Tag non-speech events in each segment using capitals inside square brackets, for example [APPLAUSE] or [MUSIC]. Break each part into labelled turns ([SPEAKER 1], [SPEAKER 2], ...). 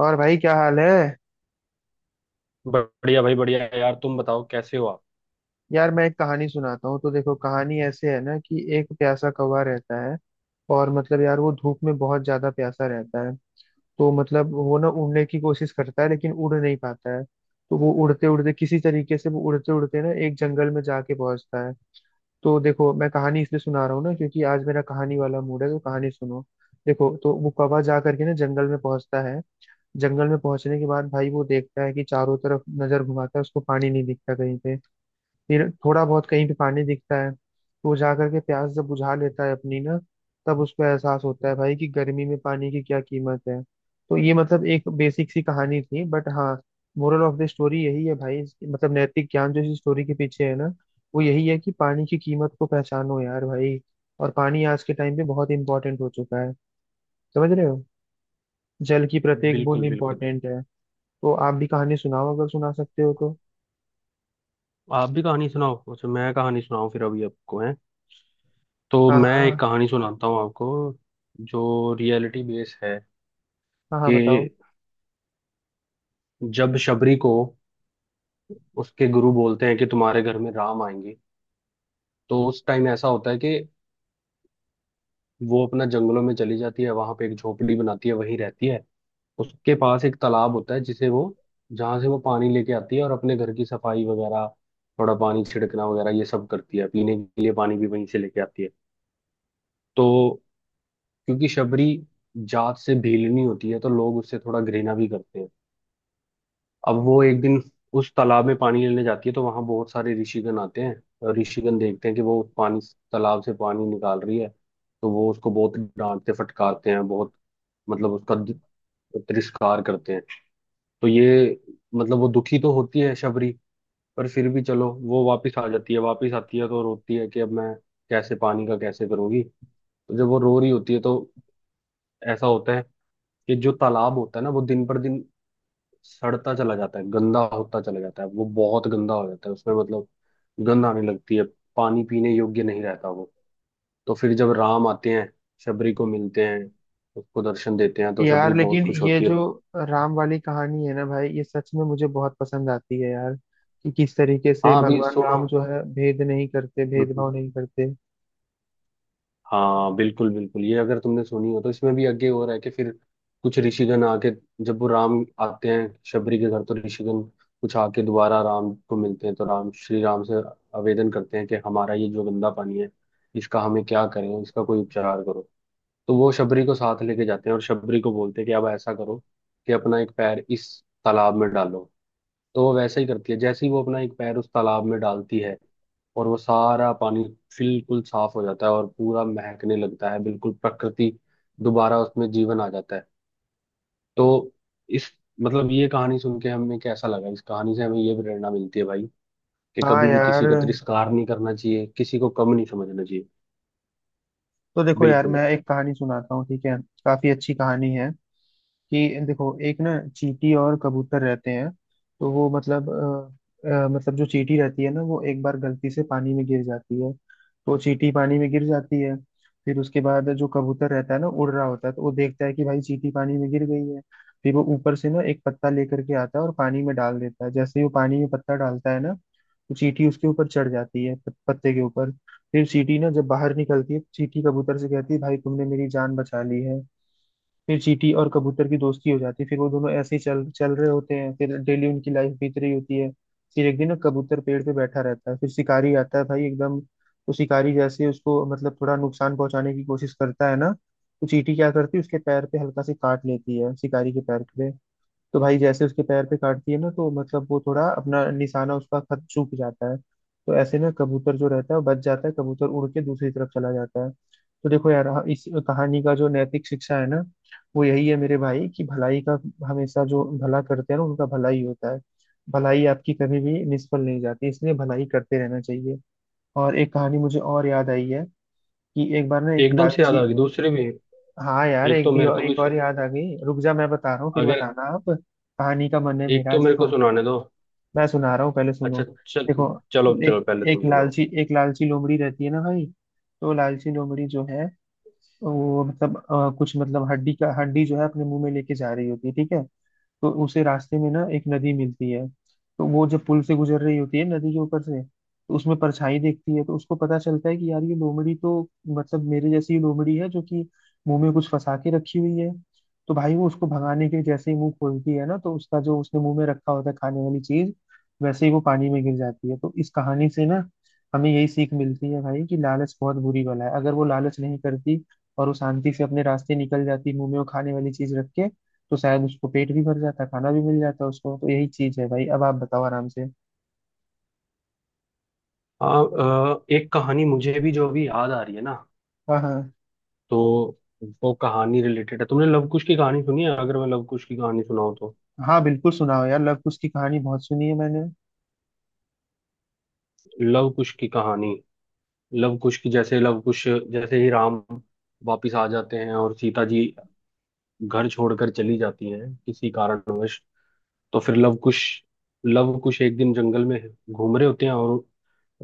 [SPEAKER 1] और भाई क्या हाल है।
[SPEAKER 2] बढ़िया भाई, बढ़िया। यार तुम बताओ कैसे हो आप।
[SPEAKER 1] यार मैं एक कहानी सुनाता हूँ तो देखो कहानी ऐसे है ना कि एक प्यासा कौवा रहता है। और मतलब यार वो धूप में बहुत ज्यादा प्यासा रहता है। तो मतलब वो ना उड़ने की कोशिश करता है लेकिन उड़ नहीं पाता है। तो वो उड़ते उड़ते किसी तरीके से वो उड़ते उड़ते ना एक जंगल में जाके पहुंचता है। तो देखो मैं कहानी इसलिए सुना रहा हूँ ना क्योंकि आज मेरा कहानी वाला मूड है तो कहानी सुनो। देखो तो वो कौवा जा करके ना जंगल में पहुंचता है। जंगल में पहुंचने के बाद भाई वो देखता है कि चारों तरफ नजर घुमाता है उसको पानी नहीं दिखता कहीं पे। फिर थोड़ा बहुत कहीं पे पानी दिखता है तो वो जा करके प्यास जब बुझा लेता है अपनी ना। तब उसको एहसास होता है भाई कि गर्मी में पानी की क्या कीमत है। तो ये मतलब एक बेसिक सी कहानी थी बट हाँ। मोरल ऑफ द स्टोरी यही है भाई मतलब नैतिक ज्ञान जो इस स्टोरी के पीछे है ना। वो यही है कि पानी की कीमत को पहचानो यार भाई। और पानी आज के टाइम पे बहुत इंपॉर्टेंट हो चुका है। समझ रहे हो। जल की प्रत्येक बूंद
[SPEAKER 2] बिल्कुल, बिल्कुल।
[SPEAKER 1] इंपॉर्टेंट है। तो आप भी कहानी सुनाओ अगर सुना सकते हो तो।
[SPEAKER 2] आप भी कहानी सुनाओ। अच्छा मैं कहानी सुनाऊं फिर, अभी आपको है। तो
[SPEAKER 1] हाँ
[SPEAKER 2] मैं एक
[SPEAKER 1] हाँ।
[SPEAKER 2] कहानी सुनाता हूँ आपको, जो रियलिटी बेस है।
[SPEAKER 1] हाँ हाँ
[SPEAKER 2] कि
[SPEAKER 1] बताओ।
[SPEAKER 2] जब शबरी को उसके गुरु बोलते हैं कि तुम्हारे घर में राम आएंगे, तो उस टाइम ऐसा होता है कि वो अपना जंगलों में चली जाती है। वहां पे एक झोपड़ी बनाती है, वहीं रहती है। उसके पास एक तालाब होता है जिसे वो, जहाँ से वो पानी लेके आती है, और अपने घर की सफाई वगैरह, थोड़ा पानी छिड़कना वगैरह ये सब करती है। पीने के लिए पानी भी वहीं से लेके आती है। तो क्योंकि शबरी जात से भीलनी होती है, तो लोग उससे थोड़ा घृणा भी करते हैं। अब वो एक दिन उस तालाब में पानी लेने जाती है, तो वहां बहुत सारे ऋषिगण आते हैं। और ऋषिगण देखते हैं कि वो पानी, तालाब से पानी निकाल रही है। तो वो उसको बहुत डांटते फटकारते हैं, बहुत, मतलब उसका तिरस्कार करते हैं। तो ये, मतलब वो दुखी तो होती है शबरी, पर फिर भी चलो वो वापस आ जाती है। वापस आती है तो रोती है कि अब मैं कैसे, पानी का कैसे करूंगी। तो जब वो रो रही होती है तो ऐसा होता है कि जो तालाब होता है ना, वो दिन पर दिन सड़ता चला जाता है, गंदा होता चला जाता है। वो बहुत गंदा हो जाता है, उसमें मतलब गंध आने लगती है। पानी पीने योग्य नहीं रहता वो। तो फिर जब राम आते हैं, शबरी को मिलते हैं, उसको दर्शन देते हैं, तो शबरी
[SPEAKER 1] यार
[SPEAKER 2] बहुत
[SPEAKER 1] लेकिन
[SPEAKER 2] खुश
[SPEAKER 1] ये
[SPEAKER 2] होती है।
[SPEAKER 1] जो राम वाली कहानी है ना भाई ये सच में मुझे बहुत पसंद आती है यार। कि किस तरीके से
[SPEAKER 2] हाँ अभी
[SPEAKER 1] भगवान
[SPEAKER 2] सुनो।
[SPEAKER 1] राम जो है भेद नहीं करते भेदभाव
[SPEAKER 2] [LAUGHS]
[SPEAKER 1] नहीं करते।
[SPEAKER 2] हाँ बिल्कुल, बिल्कुल। ये अगर तुमने सुनी हो तो इसमें भी आगे हो रहा है कि फिर कुछ ऋषिगण आके, जब वो राम आते हैं शबरी के घर तो ऋषिगण कुछ आके दोबारा राम को मिलते हैं। तो राम, श्री राम से आवेदन करते हैं कि हमारा ये जो गंदा पानी है, इसका हमें क्या करें, इसका कोई उपचार करो। तो वो शबरी को साथ लेके जाते हैं और शबरी को बोलते हैं कि अब ऐसा करो कि अपना एक पैर इस तालाब में डालो। तो वो वैसा ही करती है। जैसे ही वो अपना एक पैर उस तालाब में डालती है, और वो सारा पानी बिल्कुल साफ हो जाता है, और पूरा महकने लगता है, बिल्कुल प्रकृति दोबारा उसमें जीवन आ जाता है। तो इस, मतलब ये कहानी सुन के हमें कैसा लगा, इस कहानी से हमें ये प्रेरणा मिलती है भाई कि
[SPEAKER 1] हाँ
[SPEAKER 2] कभी भी
[SPEAKER 1] यार।
[SPEAKER 2] किसी का तिरस्कार नहीं करना चाहिए, किसी को कम नहीं समझना चाहिए।
[SPEAKER 1] तो देखो यार
[SPEAKER 2] बिल्कुल।
[SPEAKER 1] मैं एक कहानी सुनाता हूँ ठीक है। काफी अच्छी कहानी है। कि देखो एक ना चींटी और कबूतर रहते हैं। तो वो मतलब मतलब जो चींटी रहती है ना वो एक बार गलती से पानी में गिर जाती है। तो चींटी पानी में गिर जाती है। फिर उसके बाद जो कबूतर रहता है ना उड़ रहा होता है तो वो देखता है कि भाई चींटी पानी में गिर गई है। फिर वो ऊपर से ना एक पत्ता लेकर के आता है और पानी में डाल देता है जैसे ही वो पानी में पत्ता डालता है ना। तो चींटी उसके ऊपर चढ़ जाती है पत्ते के ऊपर। फिर चींटी ना जब बाहर निकलती है तो चींटी कबूतर से कहती है भाई तुमने मेरी जान बचा ली है। फिर चींटी और कबूतर की दोस्ती हो जाती है फिर वो दोनों ऐसे ही चल चल रहे होते हैं फिर डेली उनकी लाइफ बीत रही होती है। फिर एक दिन ना कबूतर पेड़ पे बैठा रहता है फिर शिकारी आता है भाई एकदम तो शिकारी जैसे उसको मतलब थोड़ा नुकसान पहुंचाने की कोशिश करता है ना। तो चींटी क्या करती है उसके पैर पे हल्का से काट लेती है शिकारी के पैर पे। तो भाई जैसे उसके पैर पे काटती है ना तो मतलब वो थोड़ा अपना निशाना उसका खत चूक जाता है तो ऐसे ना कबूतर जो रहता है वो बच जाता है कबूतर उड़ के दूसरी तरफ चला जाता है। तो देखो यार, हाँ, इस कहानी का जो नैतिक शिक्षा है ना। वो यही है मेरे भाई कि भलाई का हमेशा जो भला करते हैं ना उनका भलाई होता है। भलाई आपकी कभी भी निष्फल नहीं जाती इसलिए भलाई करते रहना चाहिए। और एक कहानी मुझे और याद आई है। कि एक बार ना एक
[SPEAKER 2] एकदम से याद
[SPEAKER 1] लालची।
[SPEAKER 2] आ गई दूसरी भी।
[SPEAKER 1] हाँ यार
[SPEAKER 2] एक
[SPEAKER 1] एक
[SPEAKER 2] तो
[SPEAKER 1] भी
[SPEAKER 2] मेरे को
[SPEAKER 1] और
[SPEAKER 2] भी
[SPEAKER 1] एक और याद आ गई रुक जा मैं बता रहा हूँ फिर
[SPEAKER 2] अगर,
[SPEAKER 1] बताना आप, कहानी का मन है
[SPEAKER 2] एक
[SPEAKER 1] मेरा
[SPEAKER 2] तो
[SPEAKER 1] आज,
[SPEAKER 2] मेरे को
[SPEAKER 1] देखो।
[SPEAKER 2] सुनाने दो।
[SPEAKER 1] मैं सुना रहा हूँ पहले सुनो।
[SPEAKER 2] अच्छा चल।
[SPEAKER 1] देखो
[SPEAKER 2] चलो चलो,
[SPEAKER 1] एक
[SPEAKER 2] पहले तुम सुनाओ।
[SPEAKER 1] एक लालची लोमड़ी रहती है ना भाई। तो लालची लोमड़ी जो है वो मतलब कुछ मतलब हड्डी जो है अपने मुंह में लेके जा रही होती है ठीक है। तो उसे रास्ते में ना एक नदी मिलती है। तो वो जब पुल से गुजर रही होती है नदी के ऊपर से तो उसमें परछाई देखती है तो उसको पता चलता है कि यार ये लोमड़ी तो मतलब मेरे जैसी ही लोमड़ी है जो कि मुंह में कुछ फंसा के रखी हुई है। तो भाई वो उसको भगाने के लिए जैसे ही मुंह खोलती है ना तो उसका जो उसने मुंह में रखा होता है खाने वाली चीज वैसे ही वो पानी में गिर जाती है। तो इस कहानी से ना हमें यही सीख मिलती है भाई कि लालच बहुत बुरी बला है अगर वो लालच नहीं करती और वो शांति से अपने रास्ते निकल जाती मुंह में वो खाने वाली चीज रख के तो शायद उसको पेट भी भर जाता खाना भी मिल जाता उसको। तो यही चीज है भाई अब आप बताओ आराम से।
[SPEAKER 2] हाँ। एक कहानी मुझे भी जो अभी याद आ रही है ना,
[SPEAKER 1] हाँ हाँ।
[SPEAKER 2] तो वो कहानी रिलेटेड है। तुमने लव कुश की कहानी सुनी है? अगर मैं लव कुश की कहानी सुनाऊं तो।
[SPEAKER 1] हाँ बिल्कुल सुनाओ यार लव कुश की कहानी बहुत सुनी है मैंने।
[SPEAKER 2] लव कुश की कहानी, लव कुश की जैसे, लव कुश जैसे ही राम वापिस आ जाते हैं और सीता जी घर छोड़कर चली जाती हैं किसी कारणवश, तो फिर लव कुश, लव कुश एक दिन जंगल में घूम रहे होते हैं। और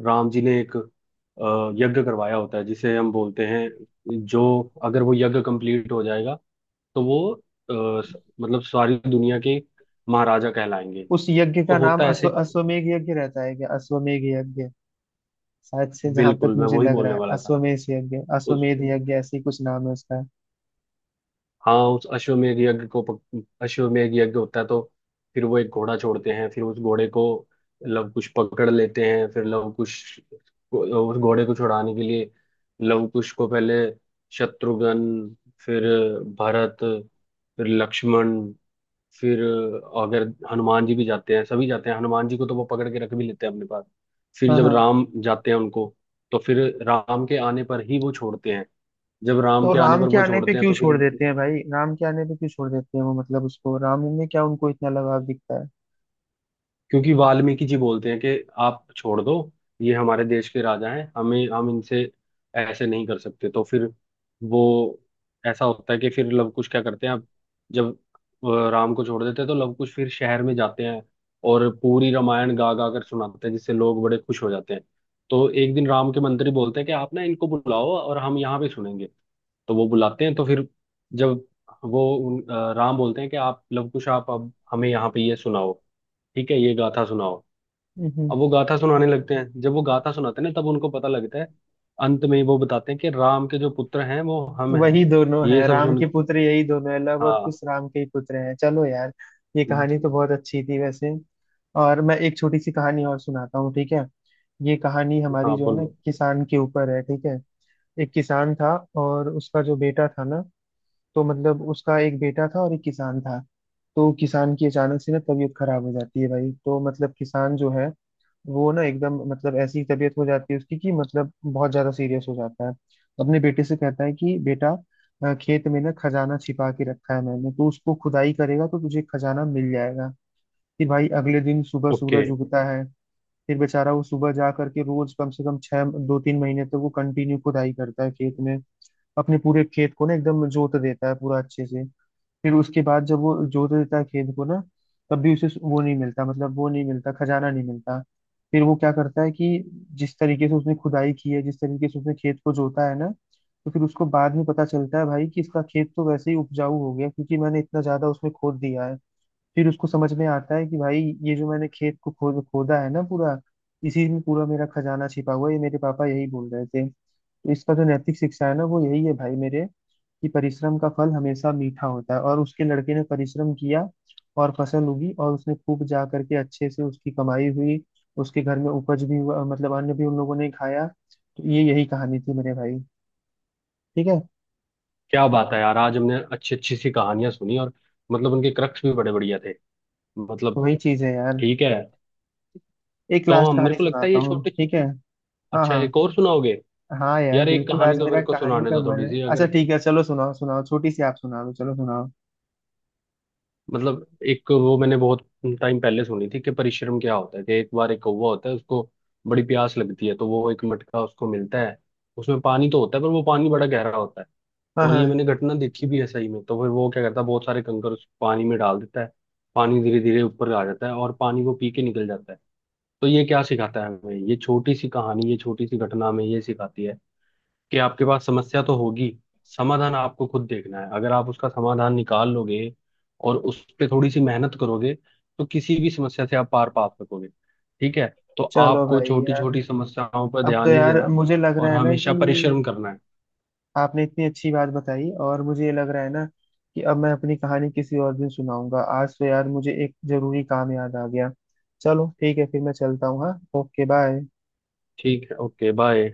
[SPEAKER 2] राम जी ने एक यज्ञ करवाया होता है, जिसे हम बोलते हैं जो, अगर वो यज्ञ कंप्लीट हो जाएगा तो वो मतलब सारी दुनिया के महाराजा कहलाएंगे।
[SPEAKER 1] उस यज्ञ
[SPEAKER 2] तो
[SPEAKER 1] का नाम
[SPEAKER 2] होता ऐसे,
[SPEAKER 1] अश्वमेघ यज्ञ रहता है क्या, अश्वमेघ यज्ञ। शायद से जहां तक
[SPEAKER 2] बिल्कुल मैं
[SPEAKER 1] मुझे
[SPEAKER 2] वही
[SPEAKER 1] लग रहा
[SPEAKER 2] बोलने
[SPEAKER 1] है
[SPEAKER 2] वाला था। उस,
[SPEAKER 1] अश्वमेध यज्ञ ऐसे ही कुछ नाम है उसका।
[SPEAKER 2] हाँ, उस अश्वमेध यज्ञ को अश्वमेध यज्ञ होता है तो फिर वो एक घोड़ा छोड़ते हैं। फिर उस घोड़े को लवकुश पकड़ लेते हैं। फिर उस घोड़े को छुड़ाने के लिए लवकुश को पहले शत्रुघ्न, फिर भरत, फिर लक्ष्मण, फिर अगर हनुमान जी भी जाते हैं, सभी जाते हैं। हनुमान जी को तो वो पकड़ के रख भी लेते हैं अपने पास। फिर
[SPEAKER 1] हाँ
[SPEAKER 2] जब
[SPEAKER 1] हाँ।
[SPEAKER 2] राम जाते हैं उनको, तो फिर राम के आने पर ही वो छोड़ते हैं। जब राम
[SPEAKER 1] तो
[SPEAKER 2] के आने
[SPEAKER 1] राम
[SPEAKER 2] पर
[SPEAKER 1] के
[SPEAKER 2] वो
[SPEAKER 1] आने पे
[SPEAKER 2] छोड़ते हैं
[SPEAKER 1] क्यों
[SPEAKER 2] तो फिर,
[SPEAKER 1] छोड़ देते हैं भाई, राम के आने पे क्यों छोड़ देते हैं वो, मतलब उसको राम में क्या उनको इतना लगाव दिखता
[SPEAKER 2] क्योंकि वाल्मीकि जी बोलते हैं कि आप छोड़ दो, ये हमारे देश के राजा हैं, हमें, हम इनसे ऐसे नहीं कर सकते। तो फिर वो, ऐसा होता है कि फिर लवकुश क्या करते हैं अब, जब राम को छोड़ देते हैं तो लवकुश फिर शहर में जाते हैं और पूरी रामायण गा गा कर सुनाते हैं, जिससे लोग बड़े खुश हो जाते हैं। तो एक दिन राम के मंत्री बोलते हैं कि आप ना इनको बुलाओ, और हम यहाँ पे सुनेंगे। तो वो बुलाते हैं तो फिर जब वो राम बोलते हैं कि आप लवकुश, आप अब हमें यहाँ पे ये सुनाओ, ठीक है, ये गाथा सुनाओ।
[SPEAKER 1] है।
[SPEAKER 2] अब वो गाथा सुनाने लगते हैं। जब वो गाथा सुनाते हैं ना तब उनको पता लगता है, अंत में वो बताते हैं कि राम के जो पुत्र हैं वो हम हैं।
[SPEAKER 1] वही दोनों
[SPEAKER 2] ये
[SPEAKER 1] है
[SPEAKER 2] सब
[SPEAKER 1] राम
[SPEAKER 2] सुन।
[SPEAKER 1] के पुत्र, यही दोनों है लव और
[SPEAKER 2] हाँ।
[SPEAKER 1] कुश राम के ही पुत्र हैं, चलो यार। ये कहानी तो बहुत अच्छी थी वैसे। और मैं एक छोटी सी कहानी और सुनाता हूँ ठीक है। ये कहानी हमारी
[SPEAKER 2] हाँ
[SPEAKER 1] जो है ना
[SPEAKER 2] बोलो।
[SPEAKER 1] किसान के ऊपर है ठीक है। एक किसान था। और उसका जो बेटा था ना। तो मतलब उसका एक बेटा था और एक किसान था। तो किसान की अचानक से ना तबीयत खराब हो जाती है भाई तो मतलब किसान जो है वो ना एकदम मतलब ऐसी तबीयत हो जाती है उसकी कि मतलब बहुत ज्यादा सीरियस हो जाता है। अपने बेटे से कहता है कि बेटा खेत में ना खजाना छिपा के रखा है मैंने तो उसको खुदाई करेगा तो तुझे खजाना मिल जाएगा। फिर भाई अगले दिन सुबह
[SPEAKER 2] ओके।
[SPEAKER 1] सूरज उगता है। फिर बेचारा वो सुबह जा करके रोज कम से कम छह 2-3 महीने तक वो कंटिन्यू खुदाई करता है खेत में। अपने पूरे खेत को ना एकदम जोत देता है पूरा अच्छे से। फिर उसके बाद जब वो जोत देता है खेत को ना तब भी उसे वो नहीं मिलता मतलब वो नहीं मिलता खजाना नहीं मिलता। फिर वो क्या करता है कि जिस तरीके से उसने खुदाई की है जिस तरीके से उसने खेत को जोता है ना तो फिर उसको बाद में पता चलता है भाई कि इसका खेत तो वैसे ही उपजाऊ हो गया क्योंकि मैंने इतना ज्यादा उसमें खोद दिया है। फिर उसको समझ में आता है कि भाई ये जो मैंने खेत को खोदा है ना पूरा इसी में पूरा मेरा खजाना छिपा हुआ है ये मेरे पापा यही बोल रहे थे। तो इसका जो नैतिक शिक्षा है ना वो यही है भाई मेरे कि परिश्रम का फल हमेशा मीठा होता है और उसके लड़के ने परिश्रम किया। और फसल उगी और उसने खूब जा करके अच्छे से उसकी कमाई हुई। उसके घर में उपज भी हुआ मतलब अन्न भी उन लोगों ने खाया। तो ये यही कहानी थी मेरे भाई। ठीक है।
[SPEAKER 2] क्या बात है यार, आज हमने अच्छी अच्छी सी कहानियां सुनी, और मतलब उनके क्रक्स भी बड़े बढ़िया थे, मतलब।
[SPEAKER 1] वही चीज है यार।
[SPEAKER 2] ठीक है।
[SPEAKER 1] एक
[SPEAKER 2] तो
[SPEAKER 1] लास्ट
[SPEAKER 2] हम, मेरे
[SPEAKER 1] कहानी
[SPEAKER 2] को लगता है
[SPEAKER 1] सुनाता
[SPEAKER 2] ये
[SPEAKER 1] हूँ
[SPEAKER 2] छोटी।
[SPEAKER 1] ठीक है। हाँ
[SPEAKER 2] अच्छा
[SPEAKER 1] हाँ।
[SPEAKER 2] एक और सुनाओगे?
[SPEAKER 1] हाँ यार
[SPEAKER 2] यार एक
[SPEAKER 1] बिल्कुल
[SPEAKER 2] कहानी
[SPEAKER 1] आज
[SPEAKER 2] तो
[SPEAKER 1] मेरा
[SPEAKER 2] मेरे को
[SPEAKER 1] कहानी
[SPEAKER 2] सुनाने
[SPEAKER 1] का
[SPEAKER 2] दो
[SPEAKER 1] मन
[SPEAKER 2] थोड़ी
[SPEAKER 1] है,
[SPEAKER 2] सी,
[SPEAKER 1] अच्छा
[SPEAKER 2] अगर,
[SPEAKER 1] ठीक है चलो सुनाओ सुनाओ छोटी सी आप सुना दो, चलो सुनाओ।
[SPEAKER 2] मतलब। एक वो मैंने बहुत टाइम पहले सुनी थी कि परिश्रम क्या होता है। कि एक बार एक कौवा होता है, उसको बड़ी प्यास लगती है। तो वो, एक मटका उसको मिलता है, उसमें पानी तो होता है, पर वो पानी बड़ा गहरा होता है।
[SPEAKER 1] हाँ
[SPEAKER 2] और ये
[SPEAKER 1] हाँ।
[SPEAKER 2] मैंने घटना देखी भी है सही में। तो फिर वो क्या करता है, बहुत सारे कंकर उस पानी में डाल देता है। पानी धीरे धीरे ऊपर आ जाता है और पानी वो पी के निकल जाता है। तो ये क्या सिखाता है हमें, ये छोटी सी कहानी, ये छोटी सी घटना हमें ये सिखाती है कि आपके पास समस्या तो होगी, समाधान आपको खुद देखना है। अगर आप उसका समाधान निकाल लोगे, और उस पे थोड़ी सी मेहनत करोगे, तो किसी भी समस्या से आप पार पा सकोगे। ठीक है। तो
[SPEAKER 1] चलो
[SPEAKER 2] आपको
[SPEAKER 1] भाई
[SPEAKER 2] छोटी
[SPEAKER 1] यार।
[SPEAKER 2] छोटी समस्याओं पर
[SPEAKER 1] अब तो
[SPEAKER 2] ध्यान नहीं
[SPEAKER 1] यार
[SPEAKER 2] देना,
[SPEAKER 1] मुझे लग
[SPEAKER 2] और
[SPEAKER 1] रहा है ना
[SPEAKER 2] हमेशा
[SPEAKER 1] कि
[SPEAKER 2] परिश्रम करना है।
[SPEAKER 1] आपने इतनी अच्छी बात बताई और मुझे ये लग रहा है ना कि अब मैं अपनी कहानी किसी और दिन सुनाऊंगा, आज तो यार मुझे एक जरूरी काम याद आ गया। चलो ठीक है फिर मैं चलता हूँ, हाँ ओके बाय।
[SPEAKER 2] ठीक है, ओके बाय।